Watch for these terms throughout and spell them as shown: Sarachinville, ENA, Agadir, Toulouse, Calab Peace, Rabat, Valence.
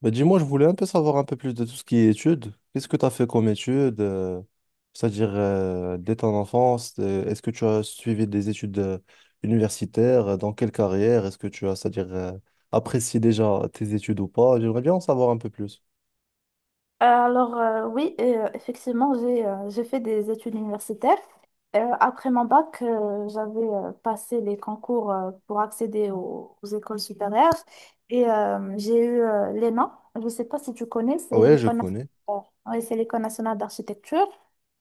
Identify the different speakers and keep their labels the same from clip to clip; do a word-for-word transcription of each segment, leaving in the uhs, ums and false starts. Speaker 1: Bah, dis-moi, je voulais un peu savoir un peu plus de tout ce qui est études. Qu'est-ce que tu as fait comme études? Euh, c'est-à-dire, euh, dès ton enfance, euh, est-ce que tu as suivi des études euh, universitaires? Euh, Dans quelle carrière? Est-ce que tu as, c'est-à-dire, euh, apprécié déjà tes études ou pas? J'aimerais bien en savoir un peu plus.
Speaker 2: Euh, Alors euh, oui, euh, effectivement, j'ai euh, j'ai fait des études universitaires. Euh, après mon bac, euh, j'avais euh, passé les concours euh, pour accéder aux, aux écoles supérieures et euh, j'ai eu euh, l'E N A. Je ne sais pas si tu connais,
Speaker 1: Ah
Speaker 2: c'est
Speaker 1: ouais, je
Speaker 2: l'École
Speaker 1: connais.
Speaker 2: nationale, oui, c'est l'École nationale d'architecture.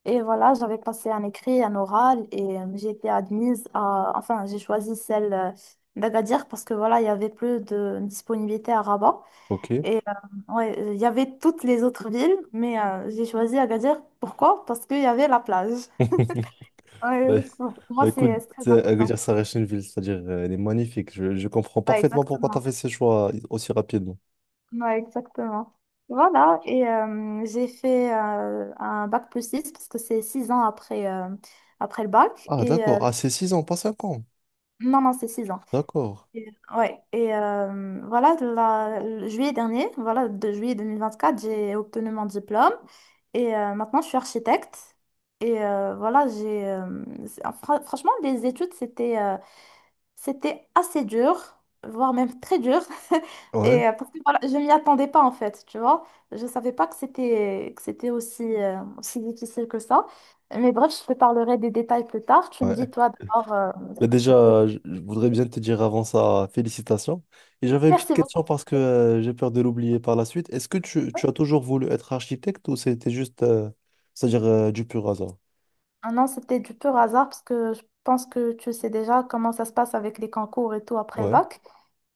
Speaker 2: Et voilà, j'avais passé un écrit, un oral et euh, j'ai été admise à, enfin, j'ai choisi celle euh, d'Agadir parce que voilà, il y avait plus de disponibilité à Rabat.
Speaker 1: Ok.
Speaker 2: Et euh, ouais, euh, il y avait toutes les autres villes, mais euh, j'ai choisi Agadir. Pourquoi? Parce qu'il y avait la plage. Ouais,
Speaker 1: Bah,
Speaker 2: pour moi,
Speaker 1: bah, écoute,
Speaker 2: c'est c'est très
Speaker 1: c'est- à
Speaker 2: important.
Speaker 1: Agadir Sarachinville, c'est-à-dire, euh, elle est magnifique. Je, je comprends
Speaker 2: Ouais,
Speaker 1: parfaitement pourquoi tu as
Speaker 2: exactement.
Speaker 1: fait ces choix aussi rapidement.
Speaker 2: Ouais, exactement. Voilà, et euh, j'ai fait euh, un bac plus six parce que c'est six ans après, euh, après le bac.
Speaker 1: Ah,
Speaker 2: Et euh,
Speaker 1: d'accord. Ah, c'est six ans, pas cinq ans.
Speaker 2: non, non, c'est six ans.
Speaker 1: D'accord.
Speaker 2: Et- Ouais, et euh, voilà, la- le juillet dernier, voilà, de juillet deux mille vingt-quatre, j'ai obtenu mon diplôme et euh, maintenant je suis architecte. Et euh, voilà, j'ai euh, c'est- fra- franchement, les études, c'était euh, c'était assez dur, voire même très dur.
Speaker 1: Ouais.
Speaker 2: Et euh, parce que voilà, je m'y attendais pas en fait, tu vois. Je savais pas que c'était que c'était aussi, euh, aussi difficile que ça. Mais bref, je te parlerai des détails plus tard. Tu me dis,
Speaker 1: Ouais.
Speaker 2: toi, d'abord, euh,
Speaker 1: Mais
Speaker 2: ce que tu fais.
Speaker 1: déjà, je je voudrais bien te dire avant ça, félicitations. Et j'avais une petite
Speaker 2: Merci beaucoup.
Speaker 1: question parce que euh, j'ai peur de l'oublier par la suite. Est-ce que tu, tu as toujours voulu être architecte ou c'était juste, euh, c'est-à-dire euh, du pur hasard?
Speaker 2: Ah non, c'était du pur hasard parce que je pense que tu sais déjà comment ça se passe avec les concours et tout après le
Speaker 1: Ouais.
Speaker 2: bac.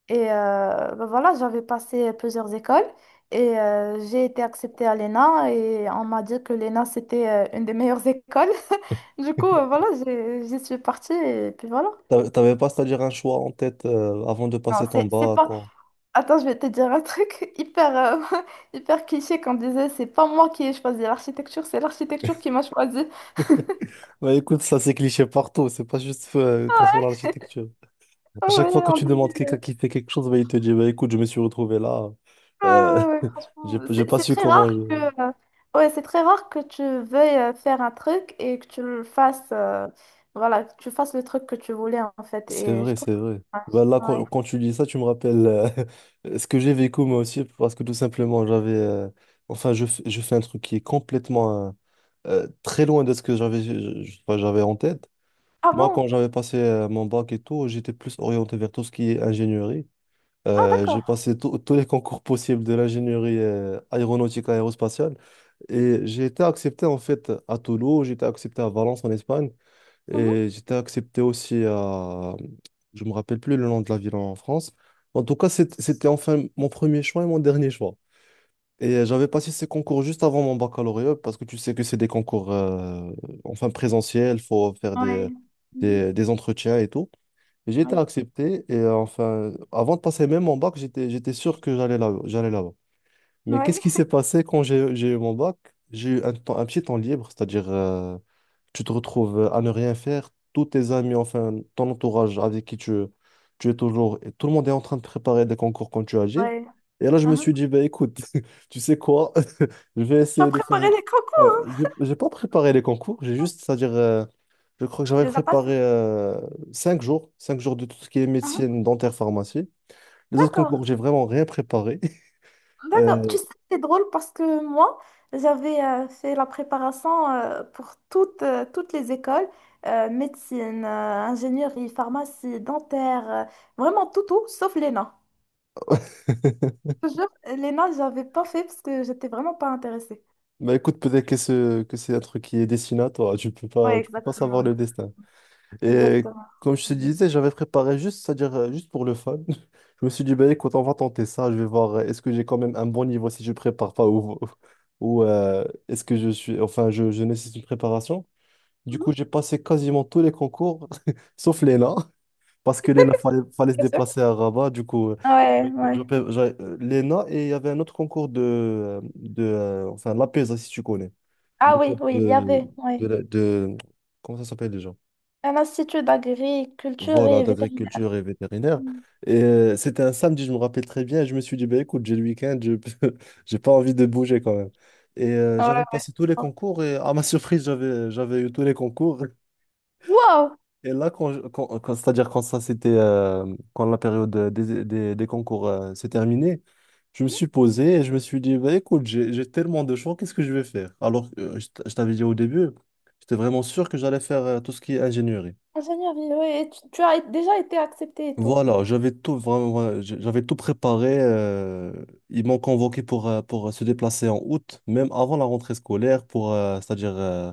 Speaker 2: Et euh, ben voilà, j'avais passé plusieurs écoles et euh, j'ai été acceptée à l'E N A et on m'a dit que l'E N A c'était euh, une des meilleures écoles. Du coup, euh, voilà, j'ai- j'y suis partie et puis voilà.
Speaker 1: T'a- T'avais pas, c'est-à-dire un choix en tête euh, avant de
Speaker 2: Non,
Speaker 1: passer ton
Speaker 2: c'est c'est
Speaker 1: bac
Speaker 2: pas.
Speaker 1: quand...
Speaker 2: Attends, je vais te dire un truc hyper, euh, hyper cliché qu'on disait, c'est pas moi qui ai choisi l'architecture, c'est l'architecture qui m'a choisi.
Speaker 1: Bah écoute, ça c'est cliché partout, c'est pas juste euh, concernant l'architecture. À
Speaker 2: Ah
Speaker 1: chaque fois
Speaker 2: ouais,
Speaker 1: que
Speaker 2: on
Speaker 1: tu demandes quelqu'un qui fait quelque chose, bah, il te dit, bah écoute, je me suis retrouvé là,
Speaker 2: ouais,
Speaker 1: euh,
Speaker 2: ouais, ouais, franchement,
Speaker 1: j'ai j'ai
Speaker 2: c'est
Speaker 1: pas
Speaker 2: c'est
Speaker 1: su
Speaker 2: très
Speaker 1: comment...
Speaker 2: rare que, euh, ouais, c'est très rare que tu veuilles euh, faire un truc et que tu le fasses, euh, voilà, que tu fasses le truc que tu voulais en fait.
Speaker 1: C'est
Speaker 2: Et je
Speaker 1: vrai,
Speaker 2: trouve
Speaker 1: c'est
Speaker 2: que
Speaker 1: vrai.
Speaker 2: ça marche.
Speaker 1: Bah là, quand,
Speaker 2: Ouais.
Speaker 1: quand tu dis ça, tu me rappelles euh, ce que j'ai vécu moi aussi, parce que tout simplement, j'avais... euh, enfin, je, f- je fais un truc qui est complètement euh, euh, très loin de ce que j'avais je- je- enfin, j'avais en tête.
Speaker 2: Ah
Speaker 1: Moi, quand
Speaker 2: bon?
Speaker 1: j'avais passé euh, mon bac et tout, j'étais plus orienté vers tout ce qui est ingénierie.
Speaker 2: Ah
Speaker 1: Euh, j'ai
Speaker 2: d'accord.
Speaker 1: passé tous tous les concours possibles de l'ingénierie euh, aéronautique aérospatiale et j'ai été accepté en fait à Toulouse, j'ai été accepté à Valence en Espagne.
Speaker 2: Mhm.
Speaker 1: Et j'étais accepté aussi à... Je me rappelle plus le nom de la ville en France. En tout cas, c'est- c'était enfin mon premier choix et mon dernier choix. Et j'avais passé ces concours juste avant mon baccalauréat parce que tu sais que c'est des concours euh, enfin présentiels, faut faire
Speaker 2: Ouais.
Speaker 1: des,
Speaker 2: Mhm.
Speaker 1: des, des entretiens et tout. Et j'ai été
Speaker 2: Oui.
Speaker 1: accepté et euh, enfin, avant de passer même mon bac, j'étais, j'étais sûr que j'allais là, j'allais là-bas. Mais qu'est-ce
Speaker 2: Ouais.
Speaker 1: qui s'est passé quand j'ai j'ai eu mon bac? J'ai eu un temps- un petit temps libre, c'est-à-dire euh, tu te retrouves euh, à ne rien faire, tous tes amis, enfin ton entourage avec qui tu, tu es toujours, et tout le monde est en train de préparer des concours quand tu agis.
Speaker 2: Ouais.
Speaker 1: Et là, je me suis
Speaker 2: Mhm.
Speaker 1: dit, bah, écoute, tu sais quoi, je vais
Speaker 2: Tu as
Speaker 1: essayer de faire...
Speaker 2: préparé les
Speaker 1: Ouais,
Speaker 2: concours,
Speaker 1: j'ai j'ai pas préparé les concours, j'ai juste, c'est-à-dire, euh, je crois que
Speaker 2: tu
Speaker 1: j'avais
Speaker 2: les as passés.
Speaker 1: préparé euh, cinq jours, cinq jours de tout ce qui est
Speaker 2: Mhm.
Speaker 1: médecine, dentaire, pharmacie. Les autres concours,
Speaker 2: D'accord.
Speaker 1: j'ai vraiment rien préparé.
Speaker 2: D'accord.
Speaker 1: Euh,
Speaker 2: Tu sais, c'est drôle parce que moi, j'avais euh, fait la préparation euh, pour toutes, euh, toutes les écoles, euh, médecine, euh, ingénierie, pharmacie, dentaire, euh, vraiment tout, tout, sauf l'E N A. Je te jure, l'E N A, j'avais pas fait parce que j'étais vraiment pas intéressée.
Speaker 1: bah écoute, peut-être que, ce- que c'est un truc qui est destiné à toi. Tu peux
Speaker 2: Ouais,
Speaker 1: pas, tu peux pas savoir
Speaker 2: exactement,
Speaker 1: le destin. Et
Speaker 2: exactement.
Speaker 1: comme je te
Speaker 2: Mhm,
Speaker 1: disais, j'avais préparé juste, c'est-à-dire euh, juste pour le fun. Je me suis dit, ben écoute, on va tenter ça. Je vais voir, euh, est-ce que j'ai quand même un bon niveau si je prépare pas ou, ou euh, est-ce que je suis, enfin, je, je nécessite une préparation. Du coup, j'ai passé quasiment tous les concours, sauf l'E N A, parce que l'E N A, fallait, fallait se
Speaker 2: bien sûr.
Speaker 1: déplacer à Rabat. Du coup, euh,
Speaker 2: Ouais, ouais.
Speaker 1: j'avais- j'avais- euh, l'E N A et il y avait un autre concours de, euh, de euh, enfin, l'A P E S A, si tu connais. Le
Speaker 2: Ah oui,
Speaker 1: concours
Speaker 2: oui, il y
Speaker 1: De,
Speaker 2: avait, ouais.
Speaker 1: de, la- de- Comment ça s'appelle déjà?
Speaker 2: Un institut d'agriculture
Speaker 1: Voilà,
Speaker 2: et vétérinaire.
Speaker 1: d'agriculture et vétérinaire.
Speaker 2: Mm.
Speaker 1: Et euh, c'était un samedi, je me rappelle très bien. Et je me suis dit, bah, écoute, j'ai le week-end, je j'ai pas envie de bouger quand même. Et euh,
Speaker 2: Ouais,
Speaker 1: j'avais
Speaker 2: ouais, je
Speaker 1: passé tous les
Speaker 2: comprends.
Speaker 1: concours et à ma surprise, j'avais j'avais eu tous les concours.
Speaker 2: Wow!
Speaker 1: Et là, quand, je- quand, quand- c'est-à-dire quand ça c'était euh, quand la période euh, des, des, des concours euh, s'est terminée, je me suis posé et je me suis dit, bah, écoute, j'ai j'ai tellement de choix, qu'est-ce que je vais faire? Alors, euh, je t- je t'avais dit au début, j'étais vraiment sûr que j'allais faire euh, tout ce qui est ingénierie.
Speaker 2: Ingénierie, oui, oui, et tu, tu as déjà été accepté et tout.
Speaker 1: Voilà, j'avais tout vraiment, voilà, j- j'avais tout préparé. Euh, ils m'ont convoqué pour, euh, pour euh, se déplacer en août, même avant la rentrée scolaire, pour, euh, c'est-à-dire euh,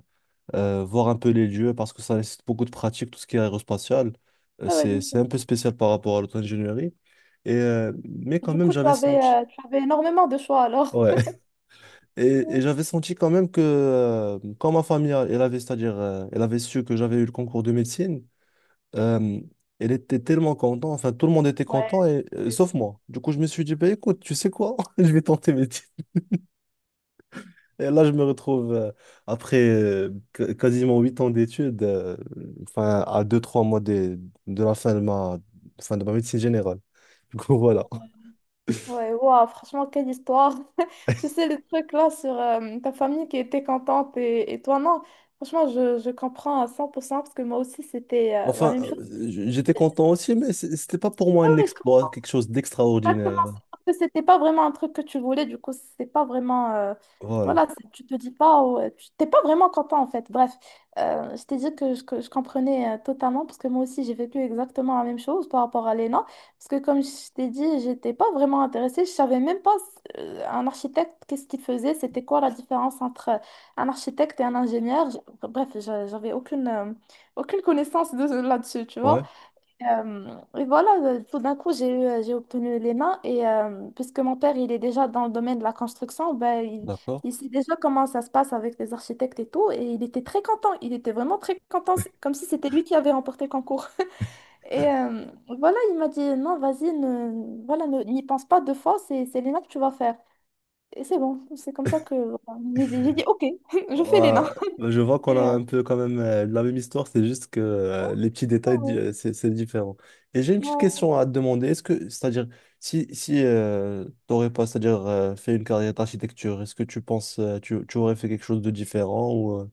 Speaker 1: euh, voir un peu les lieux, parce que ça nécessite beaucoup de pratique, tout ce qui est aérospatial. Euh,
Speaker 2: Ah ouais,
Speaker 1: c'est,
Speaker 2: bien sûr.
Speaker 1: c'est un peu spécial par rapport à l'auto-ingénierie. Et, euh, mais quand
Speaker 2: Du
Speaker 1: même,
Speaker 2: coup, tu
Speaker 1: j'avais
Speaker 2: avais,
Speaker 1: senti.
Speaker 2: euh, tu avais énormément de choix alors.
Speaker 1: Ouais. Et, et j'avais senti quand même que, euh, quand ma famille, elle avait, c'est-à-dire, euh, elle avait su que j'avais eu le concours de médecine, euh, elle était tellement contente, enfin tout le monde était
Speaker 2: Ouais,
Speaker 1: content, et, euh, sauf moi. Du coup, je me suis dit, bah, écoute, tu sais quoi, je vais tenter mes titres. Et là, je me retrouve, euh, après euh, qu- quasiment huit ans d'études, euh, enfin à deux trois mois de, de la fin de ma, fin de ma médecine générale. Du coup, voilà.
Speaker 2: ouais, wow, franchement, quelle histoire. Je sais les trucs là sur euh, ta famille qui était contente et, et toi non. Franchement, je, je comprends à cent pour cent parce que moi aussi, c'était euh, la
Speaker 1: Enfin,
Speaker 2: même chose.
Speaker 1: euh, j- j'étais content aussi, mais c- c'était pas pour moi
Speaker 2: Ah
Speaker 1: un
Speaker 2: ouais, je
Speaker 1: exploit,
Speaker 2: comprends.
Speaker 1: quelque chose
Speaker 2: Exactement,
Speaker 1: d'extraordinaire.
Speaker 2: c'est parce que c'était pas vraiment un truc que tu voulais, du coup, c'est pas vraiment, euh,
Speaker 1: Voilà.
Speaker 2: voilà, c'est- tu te dis pas, oh, euh, tu t'es pas vraiment content en fait. Bref, euh, je t'ai dit que je, que je comprenais euh, totalement, parce que moi aussi j'ai vécu exactement la même chose par rapport à l'E N A. Parce que comme je t'ai dit, j'étais pas vraiment intéressée, je savais même pas euh, un architecte, qu'est-ce qu'il faisait, c'était quoi la différence entre un architecte et un ingénieur. J- Bref, j'a- j'avais aucune, euh, aucune connaissance de là-dessus, tu vois.
Speaker 1: Ouais,
Speaker 2: Euh, et voilà, euh, tout d'un coup, j'ai eu, euh, j'ai obtenu les mains et euh, puisque mon père, il est déjà dans le domaine de la construction, ben, il,
Speaker 1: d'accord.
Speaker 2: il sait déjà comment ça se passe avec les architectes et tout et il était très content, il était vraiment très content, c'est comme si c'était lui qui avait remporté le concours. Et euh, voilà, il m'a dit, non, vas-y, ne, voilà, ne- n'y pense pas deux fois, c'est, c'est l'E N A que tu vas faire. Et c'est bon, c'est comme ça que voilà, j'ai dit, j'ai dit, ok, je
Speaker 1: Ouais,
Speaker 2: fais l'E N A.
Speaker 1: bah, je vois qu'on a
Speaker 2: Et, euh,
Speaker 1: un peu quand même euh, la même histoire, c'est juste que euh, les petits
Speaker 2: ah
Speaker 1: détails, di-
Speaker 2: ouais,
Speaker 1: euh, c'est c'est différent. Et j'ai une petite
Speaker 2: ouais.
Speaker 1: question à te demander. Est-ce que, c'est-à-dire, si, si euh, t'aurais pas, c'est-à-dire, euh, fait une carrière d'architecture, est-ce que tu penses, euh, tu, tu aurais fait quelque chose de différent ou euh,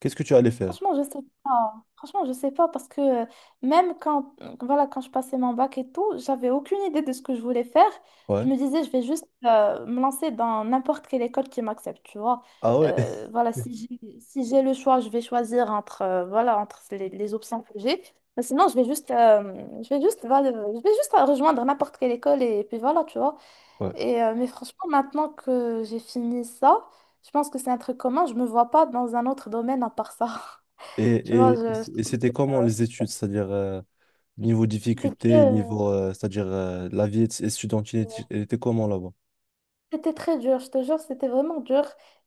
Speaker 1: qu'est-ce que tu allais faire?
Speaker 2: Franchement, je sais pas. Franchement, je sais pas parce que euh, même quand, euh, voilà, quand je passais mon bac et tout, j'avais aucune idée de ce que je voulais faire. Je
Speaker 1: Ouais.
Speaker 2: me disais, je vais juste euh, me lancer dans n'importe quelle école qui m'accepte, tu vois.
Speaker 1: Ah ouais?
Speaker 2: Euh, voilà, si j'ai, si j'ai le choix, je vais choisir entre, euh, voilà, entre les, les options que j'ai. Mais sinon, je vais juste, euh, je vais juste, voilà, je vais juste rejoindre n'importe quelle école et, puis voilà, tu vois.
Speaker 1: Ouais.
Speaker 2: Et, euh, mais franchement, maintenant que j'ai fini ça, je pense que c'est un truc commun. Je me vois pas dans un autre domaine à part ça. Tu
Speaker 1: Et,
Speaker 2: vois,
Speaker 1: et,
Speaker 2: je-
Speaker 1: et c'était
Speaker 2: je-
Speaker 1: comment les études, c'est-à-dire, euh, niveau
Speaker 2: c'était
Speaker 1: difficulté,
Speaker 2: dur.
Speaker 1: niveau, euh, c'est-à-dire, euh, la vie étudiante, elle était comment là-bas?
Speaker 2: C'était très dur, je te jure, c'était vraiment dur.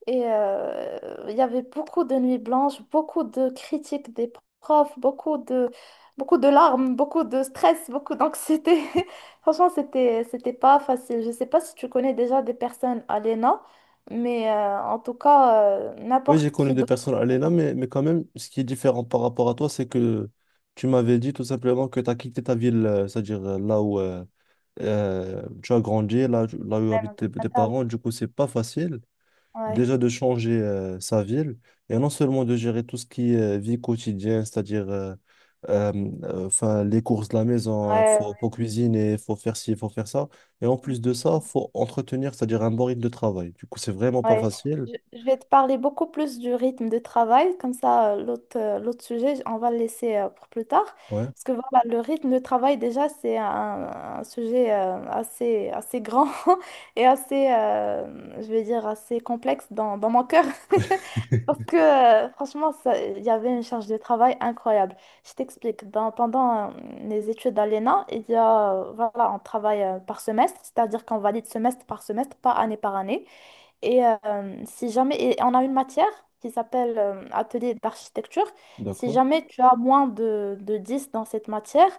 Speaker 2: Et euh, il y avait beaucoup de nuits blanches, beaucoup de critiques des profs, beaucoup de, beaucoup de larmes, beaucoup de stress, beaucoup d'anxiété. Franchement, c'était, c'était pas facile. Je sais pas si tu connais déjà des personnes à l'E N A, mais euh, en tout cas, euh,
Speaker 1: Oui, j'ai
Speaker 2: n'importe
Speaker 1: connu
Speaker 2: qui
Speaker 1: des
Speaker 2: d'autre.
Speaker 1: personnes à là,
Speaker 2: Dans le
Speaker 1: mais, mais quand même, ce qui est différent par rapport à toi, c'est que tu m'avais dit tout simplement que tu as quitté ta ville, euh, c'est-à-dire euh, là où euh, euh, tu as grandi, là, tu- là où habitent tes, tes
Speaker 2: domaine.
Speaker 1: parents. Du coup, c'est pas facile
Speaker 2: Ouais,
Speaker 1: déjà de changer euh, sa ville et non seulement de gérer tout ce qui est euh, vie quotidienne, c'est-à-dire euh, euh, euh, enfin, les courses de la maison, hein, faut,
Speaker 2: ouais,
Speaker 1: faut cuisiner, faut faire ci, faut faire ça. Et en
Speaker 2: ouais.
Speaker 1: plus de ça, faut entretenir, c'est-à-dire un bon rythme de travail. Du coup, c'est vraiment pas
Speaker 2: Ouais.
Speaker 1: facile.
Speaker 2: Je je vais te parler beaucoup plus du rythme de travail, comme ça euh, l'autre euh, l'autre sujet, on va le laisser euh, pour plus tard.
Speaker 1: Ouais,
Speaker 2: Parce que voilà, le rythme de travail, déjà, c'est un, un sujet euh, assez, assez grand et assez, euh, je vais dire, assez complexe dans, dans mon cœur. Parce que euh, franchement, ça- il y avait une charge de travail incroyable. Je t'explique. Dans- Pendant euh, les études à l'E N A, il y a, euh, voilà, on travaille euh, par semestre, c'est-à-dire qu'on valide semestre par semestre, pas année par année. Et euh, si jamais, et on a une matière qui s'appelle euh, atelier d'architecture. Si
Speaker 1: d'accord.
Speaker 2: jamais tu as moins de, de dix dans cette matière,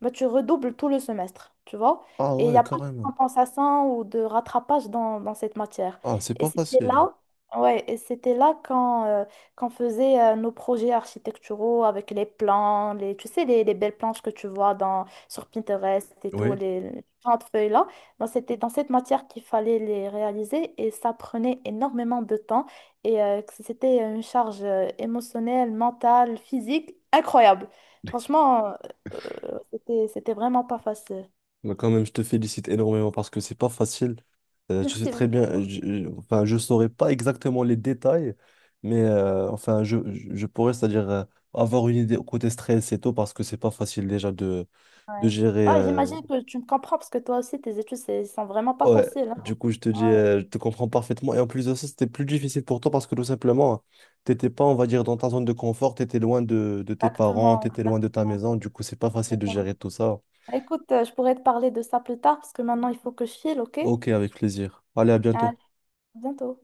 Speaker 2: bah, tu redoubles tout le semestre, tu vois.
Speaker 1: Ah
Speaker 2: Et il n'y
Speaker 1: ouais,
Speaker 2: a pas de
Speaker 1: carrément.
Speaker 2: compensation ou de rattrapage dans, dans cette matière.
Speaker 1: Ah, c'est
Speaker 2: Et
Speaker 1: pas
Speaker 2: c'était
Speaker 1: facile.
Speaker 2: là, ouais, et c'était là quand, euh, qu'on faisait euh, nos projets architecturaux avec les plans, les, tu sais, les, les belles planches que tu vois dans, sur Pinterest et tout,
Speaker 1: Oui.
Speaker 2: les les grandes feuilles là. Moi, c'était dans cette matière qu'il fallait les réaliser et ça prenait énormément de temps et euh, que c'était une charge euh, émotionnelle, mentale, physique incroyable. Franchement, euh, euh, c'était, c'était vraiment pas facile.
Speaker 1: Bah, quand même, je te félicite énormément parce que c'est pas facile. Euh, je sais
Speaker 2: Merci
Speaker 1: très bien, euh,
Speaker 2: beaucoup.
Speaker 1: je, je- enfin, je saurais pas exactement les détails, mais euh, enfin, je, je je pourrais, c'est-à-dire euh, avoir une idée côté stress et tout parce que c'est pas facile déjà de, de
Speaker 2: Ouais.
Speaker 1: gérer.
Speaker 2: Ouais,
Speaker 1: Euh,
Speaker 2: j'imagine que tu me comprends parce que toi aussi, tes études, c'est- sont vraiment pas
Speaker 1: ouais,
Speaker 2: faciles, hein.
Speaker 1: du coup, je te dis,
Speaker 2: Ouais,
Speaker 1: euh, je te comprends parfaitement. Et en plus de ça, c'était plus difficile pour toi parce que tout simplement, t'étais pas, on va dire, dans ta zone de confort, t'étais loin de, de tes parents,
Speaker 2: exactement,
Speaker 1: t'étais loin de ta
Speaker 2: exactement,
Speaker 1: maison. Du coup, c'est pas facile de
Speaker 2: exactement.
Speaker 1: gérer tout ça.
Speaker 2: Écoute, euh, je pourrais te parler de ça plus tard parce que maintenant, il faut que je file, ok?
Speaker 1: Ok, avec plaisir. Allez, à
Speaker 2: À
Speaker 1: bientôt.
Speaker 2: bientôt.